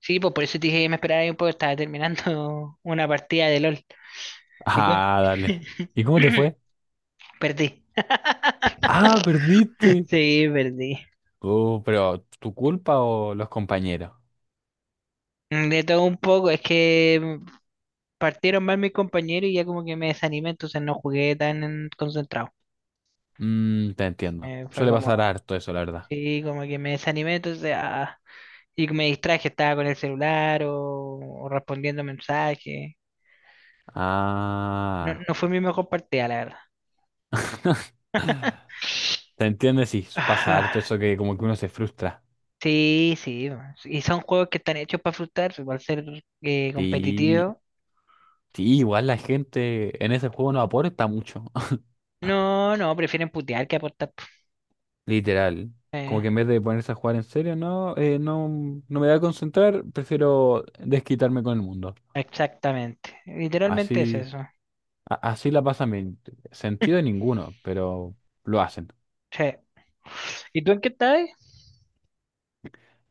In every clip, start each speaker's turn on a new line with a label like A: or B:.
A: Sí, pues por eso te dije que me esperaba ahí un poco, estaba terminando una partida de LOL. ¿Y tú?
B: Ah, dale. ¿Y cómo te fue?
A: Perdí.
B: Ah, perdiste.
A: Sí, perdí.
B: Oh, pero ¿tu culpa o los compañeros?
A: De todo un poco, es que partieron mal mis compañeros y ya como que me desanimé, entonces no jugué tan concentrado.
B: Mm, te entiendo.
A: Fue
B: Suele
A: como,
B: pasar harto eso, la verdad.
A: sí, como que me desanimé, entonces, y me distraje, estaba con el celular o respondiendo mensajes. No,
B: Ah.
A: no fue mi mejor partida, la
B: ¿Te entiendes? Sí, pasa
A: verdad.
B: harto eso que como que uno se frustra.
A: Sí, sí, y son juegos que están hechos para frustrar, para ser competitivos.
B: Sí, sí, igual la gente en ese juego no aporta mucho.
A: No, no, prefieren putear que aportar, po.
B: Literal. Como
A: Eh,
B: que en vez de ponerse a jugar en serio, no, no, no me voy a concentrar, prefiero desquitarme con el mundo.
A: exactamente, literalmente es
B: Así.
A: eso.
B: A- Así la pasan bien. Sentido ninguno, pero lo hacen.
A: Sí. ¿Y tú en qué estás?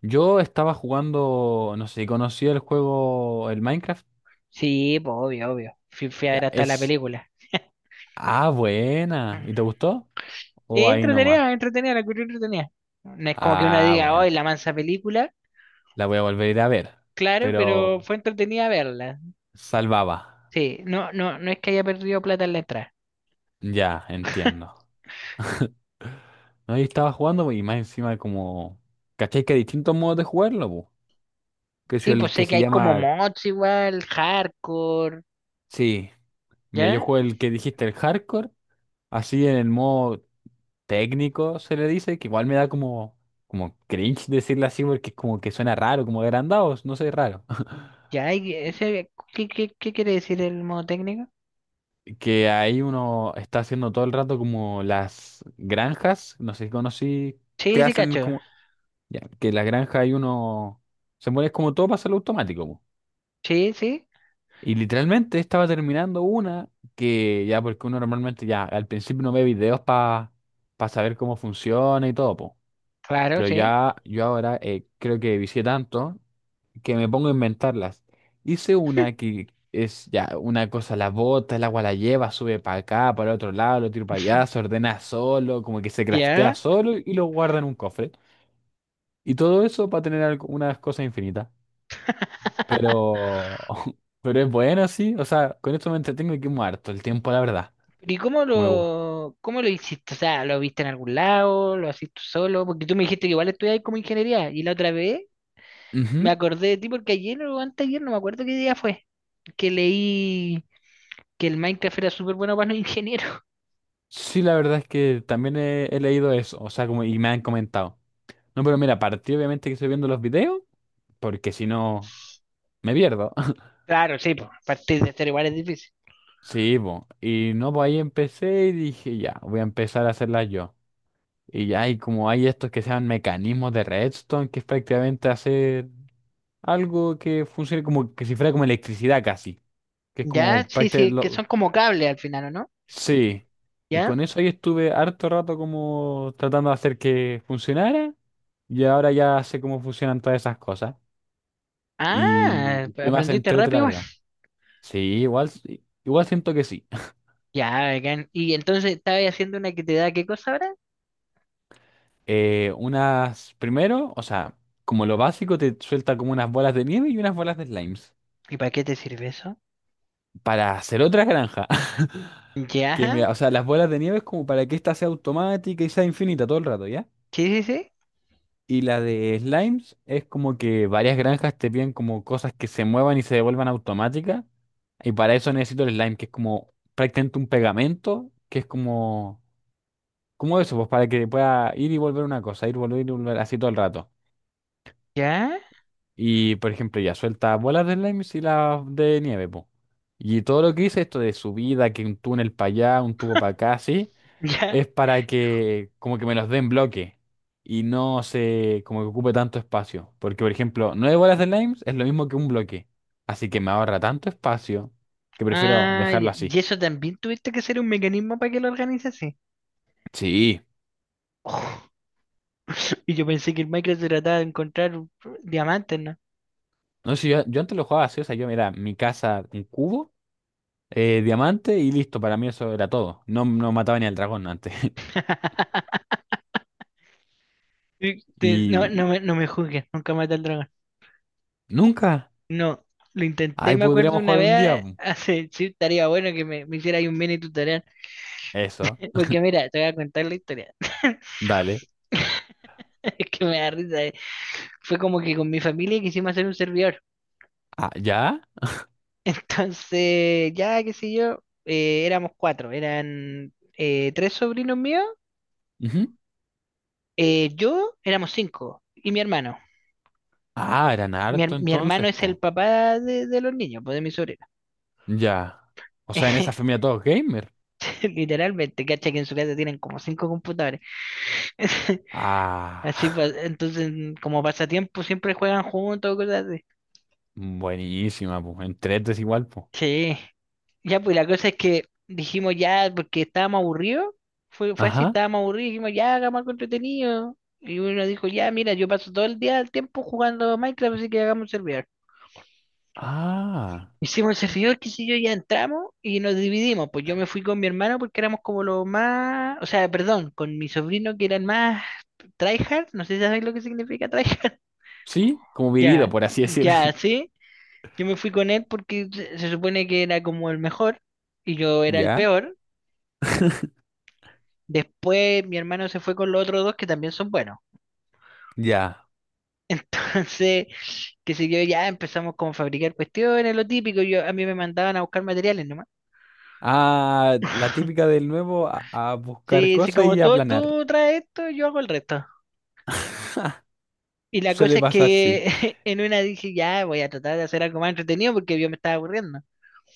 B: Yo estaba jugando, no sé si conocía el juego, el Minecraft.
A: Sí, pues obvio, obvio. Fui a ver
B: Ya,
A: hasta la
B: es.
A: película.
B: Ah, buena. ¿Y te gustó?
A: Sí,
B: ¿O ahí nomás?
A: entretenida, entretenida, la encontré entretenida. No es como que uno
B: Ah,
A: diga, hoy
B: buena.
A: la mansa película,
B: La voy a volver a ir a ver.
A: claro, pero
B: Pero
A: fue entretenida verla.
B: salvaba.
A: Sí, no, no, no es que haya perdido plata en la entrada.
B: Ya, entiendo. No, ahí estaba jugando po, y más encima como. ¿Cachai que hay distintos modos de jugarlo, po? Que es
A: Sí, pues
B: el que
A: sé que
B: se
A: hay como
B: llama.
A: mods igual, hardcore,
B: Sí. Mira, yo
A: ¿ya?
B: juego el que dijiste, el hardcore. Así en el modo técnico se le dice, que igual me da como, como cringe decirle así porque como que suena raro, como agrandados, no sé, raro.
A: Ya, y ese, ¿qué quiere decir el modo técnico?
B: Que ahí uno está haciendo todo el rato como las granjas, no sé si conocí,
A: Sí,
B: que
A: sí,
B: hacen
A: cacho.
B: como, ya, que la granja ahí uno, se mueve como todo para hacerlo automático. Po.
A: Sí, sí,
B: Y literalmente estaba terminando una que ya, porque uno normalmente ya al principio no ve videos para saber cómo funciona y todo, po.
A: claro,
B: Pero
A: sí.
B: ya yo ahora creo que vicié tanto que me pongo a inventarlas. Hice una que es ya una cosa, la bota, el agua la lleva, sube para acá, para otro lado, lo tiro para allá, se ordena solo, como que se craftea
A: Ya.
B: solo y lo guarda en un cofre. Y todo eso para tener algo- unas cosas infinitas. Pero, pero es bueno, sí. O sea, con esto me entretengo y que muerto el tiempo, la verdad.
A: ¿Y cómo
B: Como igual.
A: lo, cómo lo hiciste? O sea, ¿lo viste en algún lado? ¿Lo hacís tú solo? Porque tú me dijiste que igual estudiabas como ingeniería. Y la otra vez me
B: Ujú.
A: acordé de ti porque ayer o anteayer, no me acuerdo qué día fue, que leí que el Minecraft era súper bueno para los ingenieros.
B: Sí, la verdad es que también he leído eso, o sea, como y me han comentado. No, pero mira, partí obviamente que estoy viendo los videos, porque si no, me pierdo.
A: Claro, sí, pues, partir de cero igual es difícil.
B: Sí, po. Y no, pues ahí empecé y dije, ya, voy a empezar a hacerlas yo. Y ya, y como hay estos que sean mecanismos de redstone, que es prácticamente hacer algo que funcione como que si fuera como electricidad casi, que es
A: Ya,
B: como
A: sí,
B: prácticamente
A: sí, que
B: lo...
A: son como cables al final, ¿o no?
B: Sí, y
A: ¿Ya?
B: con eso ahí estuve harto rato como tratando de hacer que funcionara y ahora ya sé cómo funcionan todas esas cosas
A: Ah,
B: y qué más
A: aprendiste
B: entrete
A: rápido
B: la
A: igual.
B: verdad. Sí, igual siento que sí.
A: Ya, bacán. ¿Y entonces estabas haciendo una que te da qué cosa ahora?
B: Unas, primero, o sea, como lo básico, te suelta como unas bolas de nieve y unas bolas de slimes.
A: ¿Y para qué te sirve eso?
B: Para hacer otra granja.
A: Ya,
B: Que me, o sea, las bolas de nieve es como para que esta sea automática y sea infinita todo el rato, ¿ya?
A: sí, sí, sí.
B: Y la de slimes es como que varias granjas te piden como cosas que se muevan y se devuelvan automáticas. Y para eso necesito el slime, que es como prácticamente un pegamento, que es como ¿cómo eso? Pues para que pueda ir y volver una cosa, ir, volver y volver así todo el rato.
A: Ya,
B: Y por ejemplo, ya suelta bolas de slime y las de nieve, pues. Y todo lo que hice, esto de subida, que un túnel para allá, un tubo para acá, así,
A: ya.
B: es para que como que me los den bloque y no se como que ocupe tanto espacio. Porque por ejemplo, 9 bolas de slime es lo mismo que un bloque. Así que me ahorra tanto espacio que prefiero
A: Ah,
B: dejarlo
A: ya. Y
B: así.
A: eso también tuviste que hacer un mecanismo para que lo organizase.
B: Sí.
A: Oh. Y yo pensé que el Minecraft se trataba de encontrar diamantes, ¿no?
B: No sé, yo antes lo jugaba así, o sea, yo mira, mi casa, un cubo. Eh, diamante y listo, para mí eso era todo. No, no mataba ni al dragón antes.
A: No,
B: Y
A: no me juzgues, nunca maté al dragón.
B: nunca.
A: No, lo intenté,
B: Ahí
A: me acuerdo
B: podríamos
A: una
B: jugar un día.
A: vez,
B: Po.
A: hace, sí, estaría bueno que me hiciera ahí un mini tutorial.
B: Eso,
A: Porque mira, te voy a contar la historia.
B: dale.
A: Es que me da risa. Fue como que con mi familia quisimos hacer un servidor.
B: Ah, ¿ya?
A: Entonces, ya qué sé yo, éramos cuatro. Eran tres sobrinos míos,
B: Ujú.
A: yo éramos cinco y mi hermano.
B: Ah, eran harto
A: Mi hermano
B: entonces,
A: es el
B: po.
A: papá de los niños, pues de mi sobrino.
B: Ya. O sea, en esa familia todos gamer.
A: Literalmente, cacha que en su casa tienen como cinco computadores. Así pues,
B: Ah,
A: entonces como pasatiempo siempre juegan juntos, cosas así.
B: buenísima, pues En tres es igual, po.
A: Sí. Ya, pues la cosa es que dijimos ya, porque estábamos aburridos, fue así,
B: Ajá.
A: estábamos aburridos, dijimos ya, hagamos algo entretenido. Y uno dijo, ya, mira, yo paso todo el día el tiempo jugando Minecraft, así que hagamos un servidor.
B: Ah.
A: Hicimos el servidor, qué sé yo, ya entramos y nos dividimos. Pues yo me fui con mi hermano porque éramos como los más, o sea, perdón, con mi sobrino que eran más tryhard, no sé si sabéis lo que significa tryhard.
B: Sí, como vivido,
A: Ya,
B: por así decir.
A: ya, sí. Yo me fui con él porque se supone que era como el mejor y yo era el
B: ¿Ya?
A: peor. Después mi hermano se fue con los otros dos que también son buenos.
B: Ya.
A: Entonces, que sé yo, ya empezamos como a fabricar cuestiones, lo típico. A mí me mandaban a buscar materiales nomás.
B: Ah, la típica del nuevo a buscar
A: Sí, sí,
B: cosas
A: como
B: y a
A: tú,
B: planear.
A: tú traes esto, yo hago el resto. Y la
B: Suele
A: cosa es
B: pasar, sí.
A: que en una dije, ya voy a tratar de hacer algo más entretenido porque yo me estaba aburriendo.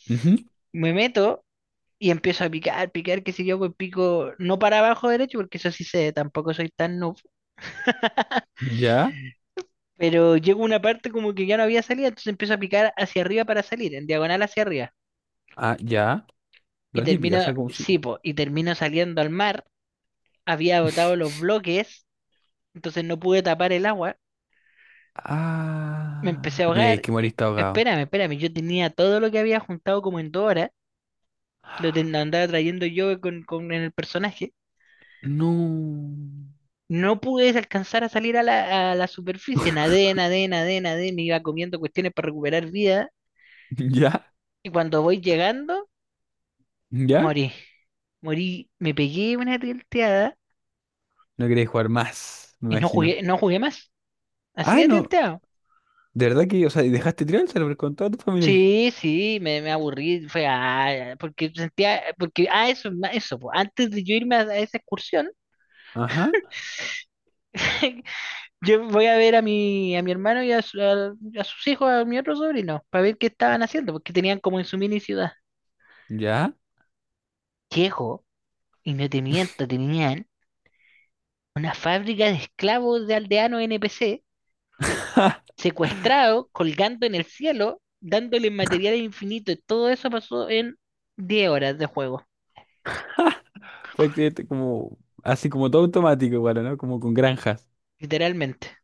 B: Ujú.
A: Me meto y empiezo a picar, picar, qué sé yo, pues pico no para abajo derecho porque eso sí sé, tampoco soy tan noob.
B: Ya,
A: Pero llego a una parte como que ya no había salida, entonces empiezo a picar hacia arriba para salir, en diagonal hacia arriba.
B: ah, ya.
A: Y
B: La típica, o
A: termino,
B: sea, como
A: sí,
B: si.
A: po, y termino saliendo al mar, había botado los bloques, entonces no pude tapar el agua, me
B: Ah,
A: empecé a
B: mira, es
A: ahogar,
B: que moriste ahogado.
A: espérame, espérame, yo tenía todo lo que había juntado como en 2 horas, lo andaba trayendo yo con el personaje,
B: No.
A: no pude alcanzar a salir a la, superficie, nadé, nadé, nadé, nadé, me iba comiendo cuestiones para recuperar vida,
B: ¿Ya?
A: y cuando voy llegando,
B: ¿Ya?
A: morí, morí, me pegué una tilteada
B: No queréis jugar más, me
A: y no
B: imagino.
A: jugué, no jugué más, así
B: Ah,
A: de
B: no.
A: tilteado.
B: De verdad que, o sea, y dejaste tirar el server con toda tu familia. Ahí?
A: Sí, sí, me aburrí, porque sentía, porque eso, eso, po, antes de yo irme a esa excursión,
B: Ajá.
A: yo voy a ver a mi hermano y a sus hijos, a mi otro sobrino, para ver qué estaban haciendo, porque tenían como en su mini ciudad.
B: ¿Ya?
A: Llego, y no te miento, tenían una fábrica de esclavos de aldeanos NPC, secuestrados, colgando en el cielo, dándoles materiales infinitos, y todo eso pasó en 10 horas de juego,
B: Prácticamente como, así como todo automático, bueno, ¿no? Como con granjas.
A: literalmente.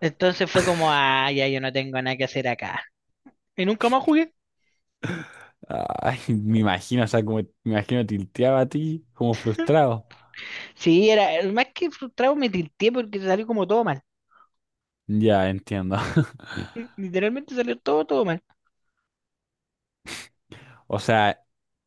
A: Entonces fue como, ya yo no tengo nada que hacer acá. Y nunca más jugué.
B: Ay, me imagino, o sea, como, me imagino tilteaba a ti, como frustrado.
A: Sí, más que frustrado me tilté porque salió como todo mal.
B: Ya, entiendo.
A: Literalmente salió todo, todo mal.
B: O sea,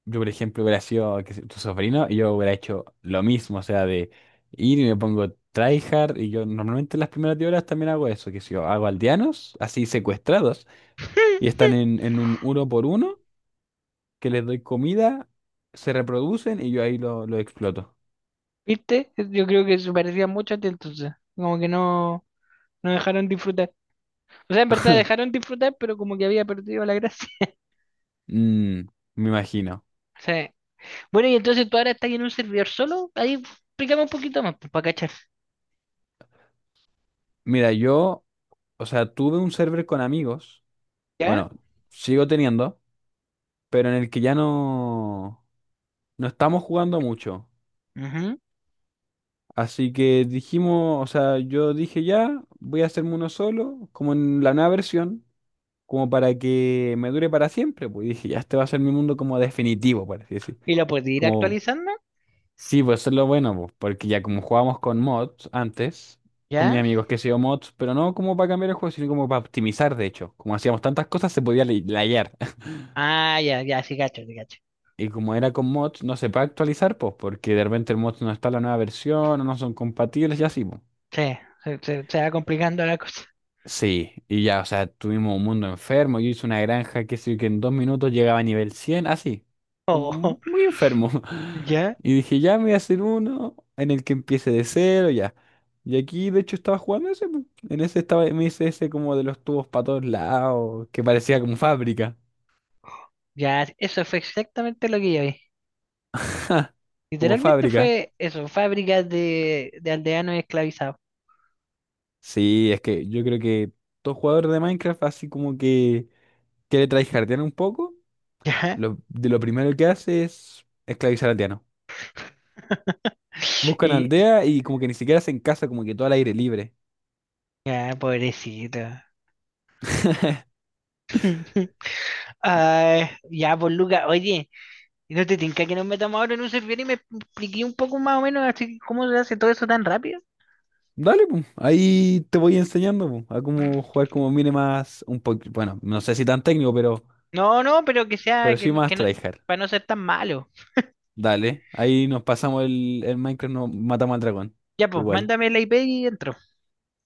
B: yo, por ejemplo, hubiera sido qué sé, tu sobrino y yo hubiera hecho lo mismo, o sea, de ir y me pongo tryhard y yo normalmente en las primeras 10 horas también hago eso, que si yo hago aldeanos, así secuestrados, y están en un uno por uno, que les doy comida, se reproducen y yo ahí lo exploto.
A: ¿Viste? Yo creo que se parecía mucho a ti entonces. Como que no, no dejaron disfrutar. O sea, en verdad dejaron disfrutar, pero como que había perdido la gracia.
B: Mm, me imagino.
A: Sí. Bueno, y entonces tú ahora estás en un servidor solo. Ahí explícame un poquito más, pues, para cachar.
B: Mira, yo, o sea, tuve un server con amigos,
A: ¿Ya?
B: bueno, sigo teniendo, pero en el que ya no, no estamos jugando mucho.
A: Ujú.
B: Así que dijimos, o sea, yo dije ya, voy a hacerme uno solo, como en la nueva versión, como para que me dure para siempre. Pues dije, ya este va a ser mi mundo como definitivo, por así decir.
A: ¿Y lo puedes ir
B: Como,
A: actualizando?
B: sí, pues eso es lo bueno, pues, porque ya como jugábamos con mods antes, con mis
A: ¿Ya?
B: amigos que hacían mods, pero no como para cambiar el juego, sino como para optimizar, de hecho. Como hacíamos tantas cosas, se podía lay- layar.
A: Ah, ya, ya, sí, cacho, sí, cacho.
B: Y como era con mods, no se puede actualizar, pues, porque de repente el mod no está en la nueva versión, o no son compatibles y así, pues.
A: Sí, se va complicando la cosa.
B: Sí, y ya, o sea, tuvimos un mundo enfermo. Yo hice una granja que sí, que en dos minutos llegaba a nivel 100, así, como
A: Oh,
B: muy enfermo.
A: ya,
B: Y dije, ya me voy a hacer uno en el que empiece de cero, ya. Y aquí, de hecho, estaba jugando ese. Po. En ese estaba, me hice ese como de los tubos para todos lados, que parecía como fábrica.
A: ya, eso fue exactamente lo que yo vi.
B: Como
A: Literalmente
B: fábrica.
A: fue eso, fábricas de aldeanos esclavizados.
B: Sí, es que yo creo que todo jugador de Minecraft, así como que quiere tryhardear un poco,
A: Ya,
B: lo, de lo primero que hace es esclavizar al Buscan
A: y
B: aldea y como que ni siquiera hacen casa, como que todo al aire libre.
A: ya, pobrecito. Ay, ya, pues Luca, oye, ¿No te tinca que nos metamos ahora en un servidor y me expliqué un poco más o menos así cómo se hace todo eso tan rápido?
B: Dale, pum. Ahí te voy enseñando, pum, a cómo jugar como mire más un poquito. Bueno, no sé si tan técnico,
A: No, no, pero que sea,
B: pero sí
A: que,
B: más
A: que no,
B: tryhard.
A: para no ser tan malo.
B: Dale. Ahí nos pasamos el Minecraft, nos matamos al dragón.
A: Ya, pues,
B: Igual.
A: mándame la IP y entro.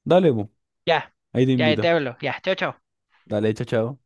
B: Dale, pum.
A: Ya,
B: Ahí te
A: ya te
B: invito.
A: hablo. Ya, chao, chao.
B: Dale, chao, chao.